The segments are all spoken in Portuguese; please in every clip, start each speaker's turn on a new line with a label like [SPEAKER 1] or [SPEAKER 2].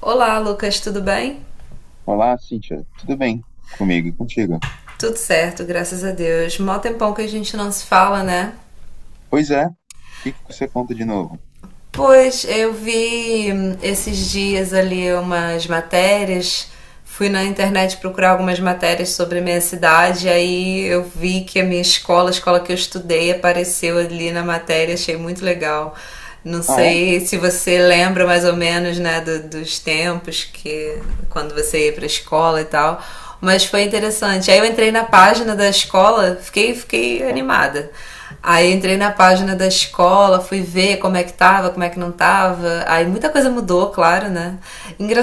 [SPEAKER 1] Olá, Lucas, tudo bem?
[SPEAKER 2] Olá, Cíntia. Tudo bem? Comigo e contigo?
[SPEAKER 1] Tudo certo, graças a Deus. Mó tempão que a gente não se fala, né?
[SPEAKER 2] Pois é. O que que você conta de novo?
[SPEAKER 1] Pois, eu vi esses dias ali umas matérias, fui na internet procurar algumas matérias sobre a minha cidade, aí eu vi que a minha escola, a escola que eu estudei, apareceu ali na matéria, achei muito legal. Não
[SPEAKER 2] Ah, é?
[SPEAKER 1] sei se você lembra mais ou menos, né, dos tempos que quando você ia para a escola e tal, mas foi interessante. Aí eu entrei na página da escola, fiquei
[SPEAKER 2] Hã?
[SPEAKER 1] animada. Aí entrei na página da escola, fui ver como é que tava, como é que não tava. Aí muita coisa mudou, claro, né?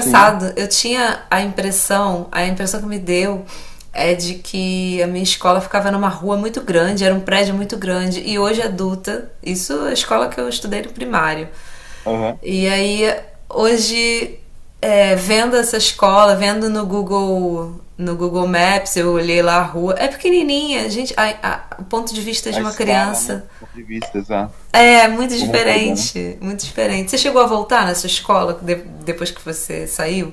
[SPEAKER 2] Sim.
[SPEAKER 1] eu tinha a impressão que me deu é de que a minha escola ficava numa rua muito grande, era um prédio muito grande. E hoje adulta, isso é a escola que eu estudei no primário.
[SPEAKER 2] Aham.
[SPEAKER 1] E aí, hoje, é, vendo essa escola, vendo no Google Maps, eu olhei lá a rua. É pequenininha, gente. O ponto de vista de
[SPEAKER 2] A
[SPEAKER 1] uma
[SPEAKER 2] escala, né?
[SPEAKER 1] criança
[SPEAKER 2] Ponto de vista, exato.
[SPEAKER 1] é muito
[SPEAKER 2] Como muda, né?
[SPEAKER 1] diferente, muito diferente. Você chegou a voltar nessa escola depois que você saiu?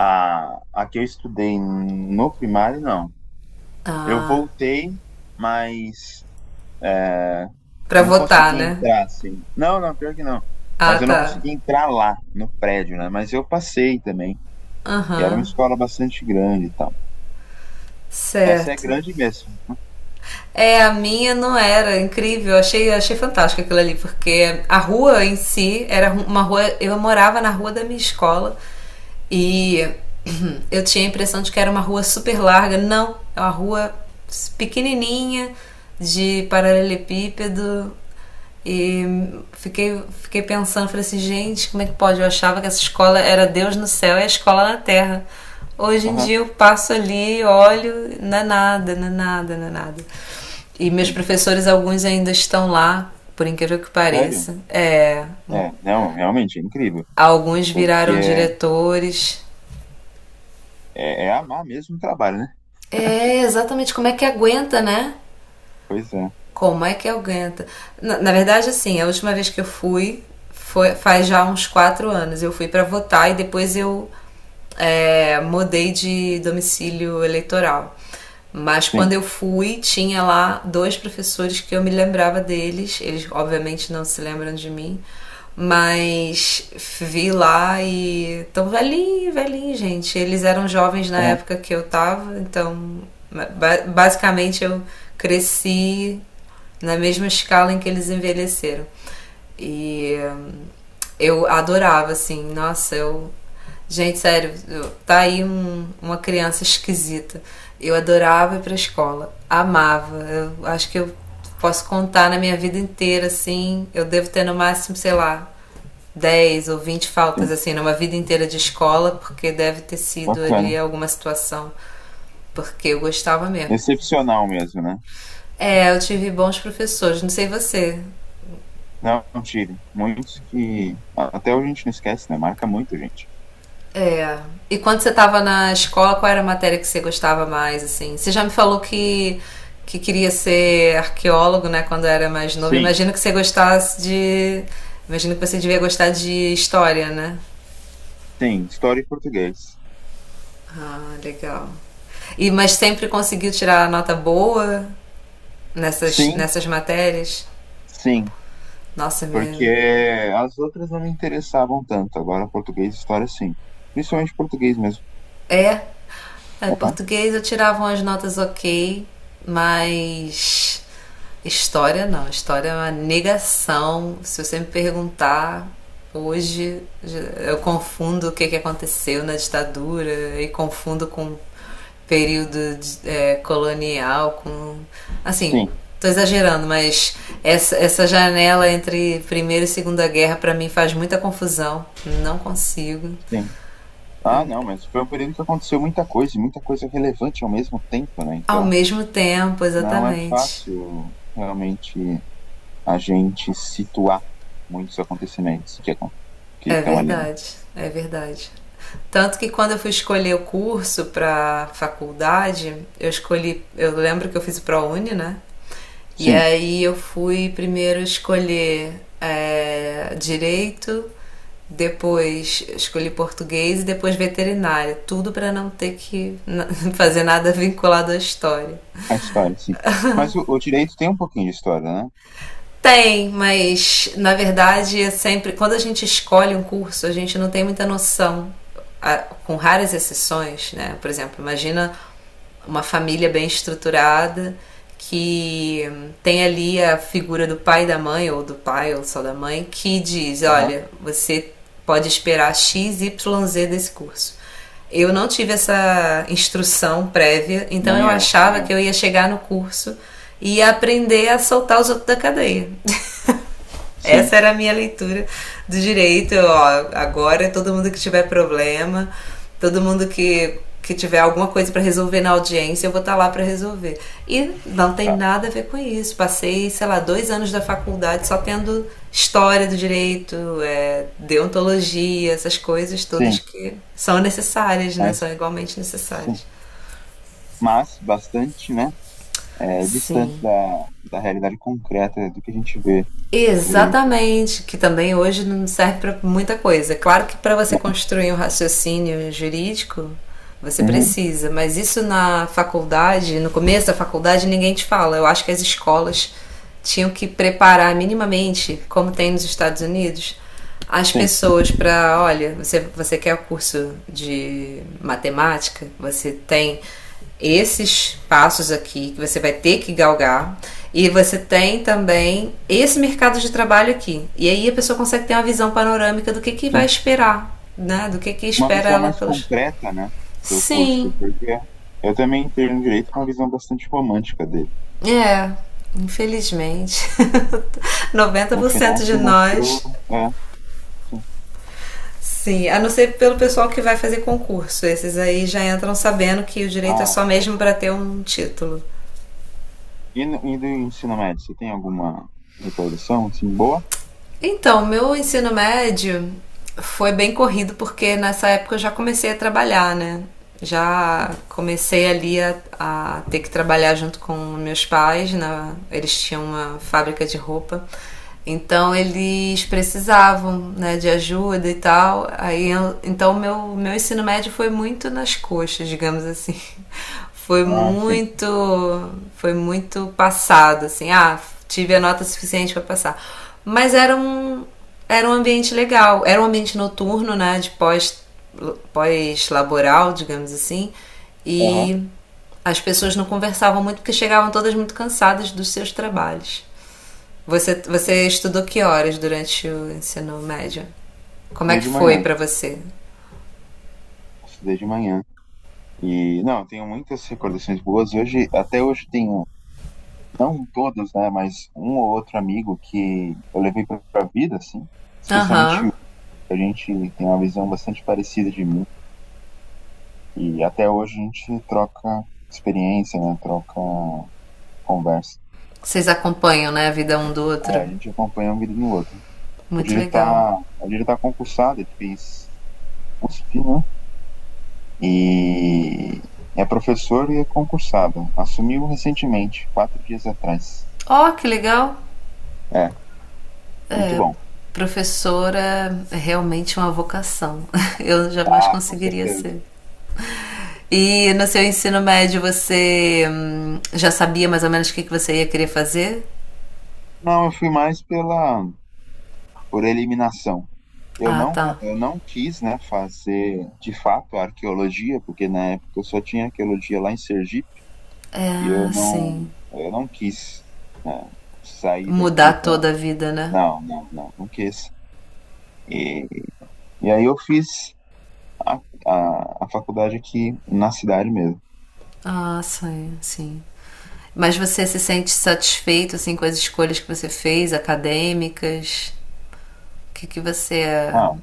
[SPEAKER 2] A que eu estudei no primário, não. Eu
[SPEAKER 1] Ah,
[SPEAKER 2] voltei, mas é,
[SPEAKER 1] pra
[SPEAKER 2] não
[SPEAKER 1] votar,
[SPEAKER 2] consegui
[SPEAKER 1] né?
[SPEAKER 2] entrar, assim. Não, não, pior que não.
[SPEAKER 1] Ah,
[SPEAKER 2] Mas eu não
[SPEAKER 1] tá.
[SPEAKER 2] consegui entrar lá, no prédio, né? Mas eu passei também. E era
[SPEAKER 1] Aham,
[SPEAKER 2] uma
[SPEAKER 1] uhum,
[SPEAKER 2] escola bastante grande e tal. Essa é
[SPEAKER 1] certo.
[SPEAKER 2] grande mesmo.
[SPEAKER 1] É, a minha não era incrível, achei, achei fantástico aquilo ali, porque a rua em si era uma rua. Eu morava na rua da minha escola e eu tinha a impressão de que era uma rua super larga. Não, é uma rua pequenininha de paralelepípedo. E fiquei pensando, falei assim, gente, como é que pode? Eu achava que essa escola era Deus no céu e a escola na terra. Hoje em
[SPEAKER 2] Aham,
[SPEAKER 1] dia eu passo ali, olho, não é nada, não é nada, não é nada. E meus
[SPEAKER 2] sim.
[SPEAKER 1] professores, alguns ainda estão lá, por incrível que
[SPEAKER 2] Sério?
[SPEAKER 1] pareça. É,
[SPEAKER 2] É, não, realmente é incrível,
[SPEAKER 1] alguns
[SPEAKER 2] porque
[SPEAKER 1] viraram
[SPEAKER 2] é,
[SPEAKER 1] diretores.
[SPEAKER 2] é, é amar mesmo o trabalho, né?
[SPEAKER 1] É, exatamente, como é que aguenta, né?
[SPEAKER 2] Pois é,
[SPEAKER 1] Como é que aguenta? Na verdade, assim, a última vez que eu fui foi faz já uns 4 anos. Eu fui para votar e depois eu é, mudei de domicílio eleitoral. Mas quando
[SPEAKER 2] sim,
[SPEAKER 1] eu fui, tinha lá dois professores que eu me lembrava deles. Eles, obviamente, não se lembram de mim, mas vi lá e tão velhinho, velhinho, gente. Eles eram jovens na
[SPEAKER 2] aham,
[SPEAKER 1] época que eu tava, então basicamente eu cresci na mesma escala em que eles envelheceram. E eu adorava, assim, nossa, eu gente, sério, tá aí uma criança esquisita. Eu adorava ir pra escola, amava. Eu acho que eu posso contar na minha vida inteira, assim. Eu devo ter no máximo, sei lá, 10 ou 20 faltas,
[SPEAKER 2] sim,
[SPEAKER 1] assim, numa vida inteira de escola, porque deve ter sido ali
[SPEAKER 2] bacana.
[SPEAKER 1] alguma situação. Porque eu gostava mesmo.
[SPEAKER 2] Excepcional mesmo, né?
[SPEAKER 1] É, eu tive bons professores, não sei você.
[SPEAKER 2] Não, tire. Muitos que até hoje a gente não esquece, né? Marca muito, gente.
[SPEAKER 1] É. E quando você estava na escola, qual era a matéria que você gostava mais, assim? Você já me falou que queria ser arqueólogo, né, quando era mais novo.
[SPEAKER 2] Sim,
[SPEAKER 1] Imagino que você gostasse de... Imagino que você devia gostar de história, né?
[SPEAKER 2] sim, história e português.
[SPEAKER 1] Ah, legal. E, mas sempre conseguiu tirar nota boa nessas,
[SPEAKER 2] Sim,
[SPEAKER 1] nessas matérias?
[SPEAKER 2] sim,
[SPEAKER 1] Nossa,
[SPEAKER 2] porque
[SPEAKER 1] me,
[SPEAKER 2] as outras não me interessavam tanto, agora português e história sim. Principalmente português mesmo.
[SPEAKER 1] é. É,
[SPEAKER 2] Aham,
[SPEAKER 1] português eu tirava umas notas ok, mas história não. História é uma negação. Se você me perguntar hoje, eu confundo o que, que aconteceu na ditadura e confundo com período é, colonial, com. Assim,
[SPEAKER 2] sim,
[SPEAKER 1] tô exagerando, mas essa janela entre Primeira e Segunda Guerra para mim faz muita confusão. Não consigo.
[SPEAKER 2] sim. Ah, não, mas foi um período que aconteceu muita coisa, e muita coisa relevante ao mesmo tempo, né?
[SPEAKER 1] Ao
[SPEAKER 2] Então,
[SPEAKER 1] mesmo tempo,
[SPEAKER 2] não é
[SPEAKER 1] exatamente.
[SPEAKER 2] fácil realmente a gente situar muitos acontecimentos que
[SPEAKER 1] É
[SPEAKER 2] estão ali, né?
[SPEAKER 1] verdade, é verdade. Tanto que quando eu fui escolher o curso para faculdade, eu escolhi, eu lembro que eu fiz o ProUni, né? E
[SPEAKER 2] Sim,
[SPEAKER 1] aí eu fui primeiro escolher é, direito, depois escolhi português e depois veterinária, tudo para não ter que fazer nada vinculado à história.
[SPEAKER 2] a história, sim. Mas o direito tem um pouquinho de história, né?
[SPEAKER 1] Tem, mas na verdade é sempre. Quando a gente escolhe um curso, a gente não tem muita noção, a- com raras exceções, né? Por exemplo, imagina uma família bem estruturada que tem ali a figura do pai e da mãe, ou do pai ou só da mãe, que diz:
[SPEAKER 2] Aham.
[SPEAKER 1] olha, você pode esperar X, Y, Z desse curso. Eu não tive essa instrução prévia, então
[SPEAKER 2] Nem
[SPEAKER 1] eu
[SPEAKER 2] eu, nem
[SPEAKER 1] achava que eu
[SPEAKER 2] eu.
[SPEAKER 1] ia chegar no curso e aprender a soltar os outros da cadeia.
[SPEAKER 2] Sim,
[SPEAKER 1] Essa era a minha leitura do direito. Ó, agora, todo mundo que tiver problema, todo mundo que tiver alguma coisa para resolver na audiência, eu vou estar tá lá para resolver. E não tem
[SPEAKER 2] tá.
[SPEAKER 1] nada a ver com isso. Passei, sei lá, 2 anos da faculdade só tendo história do direito, é, deontologia, essas coisas todas
[SPEAKER 2] Sim,
[SPEAKER 1] que são necessárias, né? São
[SPEAKER 2] mas
[SPEAKER 1] igualmente
[SPEAKER 2] sim.
[SPEAKER 1] necessárias.
[SPEAKER 2] Mas bastante, né? É, distante
[SPEAKER 1] Sim.
[SPEAKER 2] da realidade concreta do que a gente vê direito.
[SPEAKER 1] Exatamente, que também hoje não serve para muita coisa. Claro que para você construir um raciocínio jurídico, você
[SPEAKER 2] Uhum,
[SPEAKER 1] precisa, mas isso na faculdade, no começo da faculdade, ninguém te fala. Eu acho que as escolas tinham que preparar minimamente, como tem nos Estados Unidos, as
[SPEAKER 2] sim,
[SPEAKER 1] pessoas para, olha, você, você quer o curso de matemática? Você tem esses passos aqui que você vai ter que galgar. E você tem também esse mercado de trabalho aqui. E aí a pessoa consegue ter uma visão panorâmica do que vai
[SPEAKER 2] sim.
[SPEAKER 1] esperar, né? Do que
[SPEAKER 2] Uma
[SPEAKER 1] espera
[SPEAKER 2] visão
[SPEAKER 1] ela
[SPEAKER 2] mais
[SPEAKER 1] pelos.
[SPEAKER 2] concreta, né, do curso,
[SPEAKER 1] Sim,
[SPEAKER 2] porque eu também entrei no direito com uma visão bastante romântica dele.
[SPEAKER 1] é. Infelizmente, noventa
[SPEAKER 2] No
[SPEAKER 1] por
[SPEAKER 2] final
[SPEAKER 1] cento de
[SPEAKER 2] se mostrou,
[SPEAKER 1] nós
[SPEAKER 2] é, sim.
[SPEAKER 1] sim, a não ser pelo pessoal que vai fazer concurso. Esses aí já entram sabendo que o direito é
[SPEAKER 2] Ah,
[SPEAKER 1] só mesmo
[SPEAKER 2] essa-
[SPEAKER 1] para ter um título.
[SPEAKER 2] e, e do ensino médio, você tem alguma recordação, assim, boa?
[SPEAKER 1] Então, meu ensino médio foi bem corrido porque nessa época eu já comecei a trabalhar, né? Já
[SPEAKER 2] Sim.
[SPEAKER 1] comecei ali a ter que trabalhar junto com meus pais, eles tinham uma fábrica de roupa. Então eles precisavam né, de ajuda e tal. Aí eu- então meu ensino médio foi muito nas coxas, digamos assim. foi
[SPEAKER 2] Ah, sim.
[SPEAKER 1] muito, foi muito passado, assim, ah, tive a nota suficiente para passar. Mas era um ambiente legal, era um ambiente noturno, né, de pós, pós-laboral, digamos assim,
[SPEAKER 2] Aham,
[SPEAKER 1] e as pessoas não conversavam muito porque chegavam todas muito cansadas dos seus trabalhos. Você,
[SPEAKER 2] sim.
[SPEAKER 1] você estudou que horas durante o ensino médio? Como é
[SPEAKER 2] Estudei
[SPEAKER 1] que
[SPEAKER 2] de
[SPEAKER 1] foi
[SPEAKER 2] manhã,
[SPEAKER 1] para você?
[SPEAKER 2] estudei de manhã. E, não, eu tenho muitas recordações boas. Hoje, até hoje tenho, não todos, né, mas um ou outro amigo que eu levei pra vida, assim,
[SPEAKER 1] Aham.
[SPEAKER 2] especialmente um.
[SPEAKER 1] Uhum.
[SPEAKER 2] A gente tem uma visão bastante parecida de mim. E até hoje a gente troca experiência, né? Troca conversa.
[SPEAKER 1] Vocês acompanham, né, a vida um do outro?
[SPEAKER 2] É, a gente acompanha um vídeo no outro. Hoje
[SPEAKER 1] Muito
[SPEAKER 2] ele
[SPEAKER 1] legal.
[SPEAKER 2] tá, hoje ele tá concursado, ele fez USP, né? E é professor e é concursado. Assumiu recentemente, 4 dias atrás.
[SPEAKER 1] Ó, que legal!
[SPEAKER 2] É, muito bom.
[SPEAKER 1] Professora é realmente uma vocação. Eu jamais
[SPEAKER 2] Ah, com
[SPEAKER 1] conseguiria
[SPEAKER 2] certeza.
[SPEAKER 1] ser. E no seu ensino médio você já sabia mais ou menos o que que você ia querer fazer?
[SPEAKER 2] Não, eu fui mais pela por eliminação.
[SPEAKER 1] Ah, tá.
[SPEAKER 2] Eu não quis, né, fazer de fato a arqueologia, porque na época eu só tinha arqueologia lá em Sergipe. E
[SPEAKER 1] É, sim.
[SPEAKER 2] eu não quis, né, sair daqui
[SPEAKER 1] Mudar
[SPEAKER 2] da.
[SPEAKER 1] toda a vida, né?
[SPEAKER 2] Não, não, não, não quis. E, e aí eu fiz a, a faculdade aqui na cidade mesmo.
[SPEAKER 1] Ah, sim, sim. Mas você se sente satisfeito assim com as escolhas que você fez, acadêmicas? O que que você
[SPEAKER 2] Ah,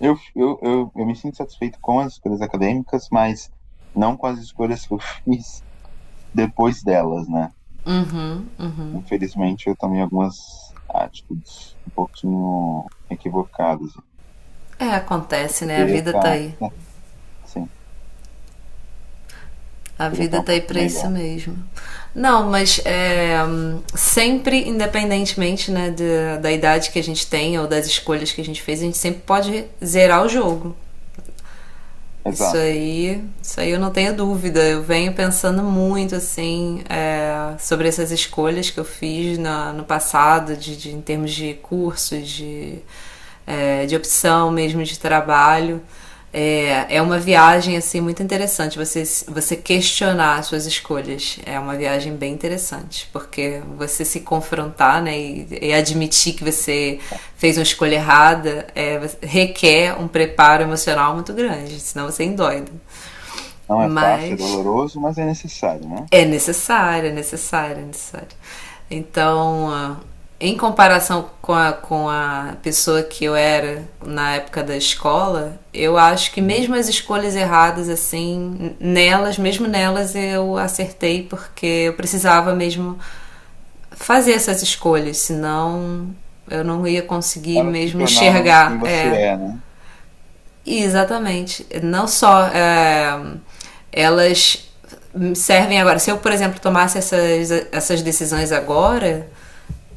[SPEAKER 2] eu me sinto satisfeito com as escolhas acadêmicas, mas não com as escolhas que eu fiz depois delas, né? Infelizmente, eu tomei algumas atitudes um pouquinho equivocadas. Eu
[SPEAKER 1] é, acontece, né? A
[SPEAKER 2] poderia
[SPEAKER 1] vida tá
[SPEAKER 2] estar,
[SPEAKER 1] aí.
[SPEAKER 2] né, sim,
[SPEAKER 1] A
[SPEAKER 2] poderia
[SPEAKER 1] vida
[SPEAKER 2] estar um
[SPEAKER 1] tá aí
[SPEAKER 2] pouquinho
[SPEAKER 1] pra isso
[SPEAKER 2] melhor.
[SPEAKER 1] mesmo. Não, mas é, sempre, independentemente né, da, da idade que a gente tem ou das escolhas que a gente fez, a gente sempre pode zerar o jogo.
[SPEAKER 2] Exato.
[SPEAKER 1] Isso aí eu não tenho dúvida. Eu venho pensando muito assim é, sobre essas escolhas que eu fiz na- no passado, de, em termos de curso, de, é, de opção mesmo de trabalho. É, é uma viagem assim muito interessante. Você questionar as suas escolhas é uma viagem bem interessante, porque você se confrontar, né, e admitir que você fez uma escolha errada, é, requer um preparo emocional muito grande, senão você endoida.
[SPEAKER 2] Não é fácil, é
[SPEAKER 1] Mas
[SPEAKER 2] doloroso, mas é necessário, né?
[SPEAKER 1] é necessário, é necessário, é necessário. Então, ah, em comparação com a pessoa que eu era na época da escola, eu acho que
[SPEAKER 2] Uhum.
[SPEAKER 1] mesmo as escolhas erradas, assim, nelas, mesmo nelas eu acertei, porque eu precisava mesmo fazer essas escolhas, senão eu não ia conseguir
[SPEAKER 2] Elas te
[SPEAKER 1] mesmo
[SPEAKER 2] tornaram quem
[SPEAKER 1] enxergar
[SPEAKER 2] você
[SPEAKER 1] é,
[SPEAKER 2] é, né?
[SPEAKER 1] exatamente. Não só é, elas servem agora. Se eu, por exemplo, tomasse essas decisões agora,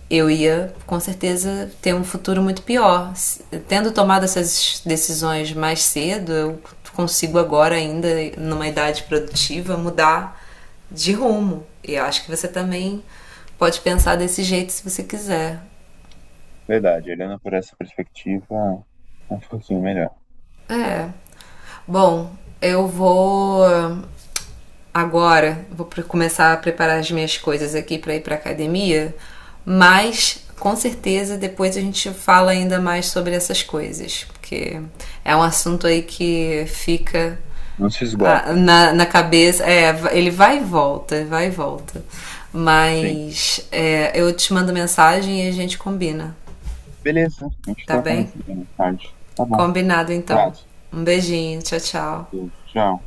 [SPEAKER 1] eu ia com certeza ter um futuro muito pior. Tendo tomado essas decisões mais cedo, eu consigo agora, ainda numa idade produtiva, mudar de rumo. E eu acho que você também pode pensar desse jeito se você quiser.
[SPEAKER 2] Verdade, olhando por essa perspectiva, é um pouquinho melhor.
[SPEAKER 1] É. Bom, eu vou agora, vou começar a preparar as minhas coisas aqui para ir para academia, mas com certeza depois a gente fala ainda mais sobre essas coisas, porque é um assunto aí que fica
[SPEAKER 2] Não se
[SPEAKER 1] ah,
[SPEAKER 2] esgota.
[SPEAKER 1] na cabeça, é, ele vai e volta, vai e volta.
[SPEAKER 2] Sim.
[SPEAKER 1] Mas é, eu te mando mensagem e a gente combina,
[SPEAKER 2] Beleza, a gente
[SPEAKER 1] tá
[SPEAKER 2] troca
[SPEAKER 1] bem?
[SPEAKER 2] mais ideia mais tarde. Tá bom,
[SPEAKER 1] Combinado então.
[SPEAKER 2] abraço.
[SPEAKER 1] Um beijinho, tchau, tchau.
[SPEAKER 2] Beijo, tchau.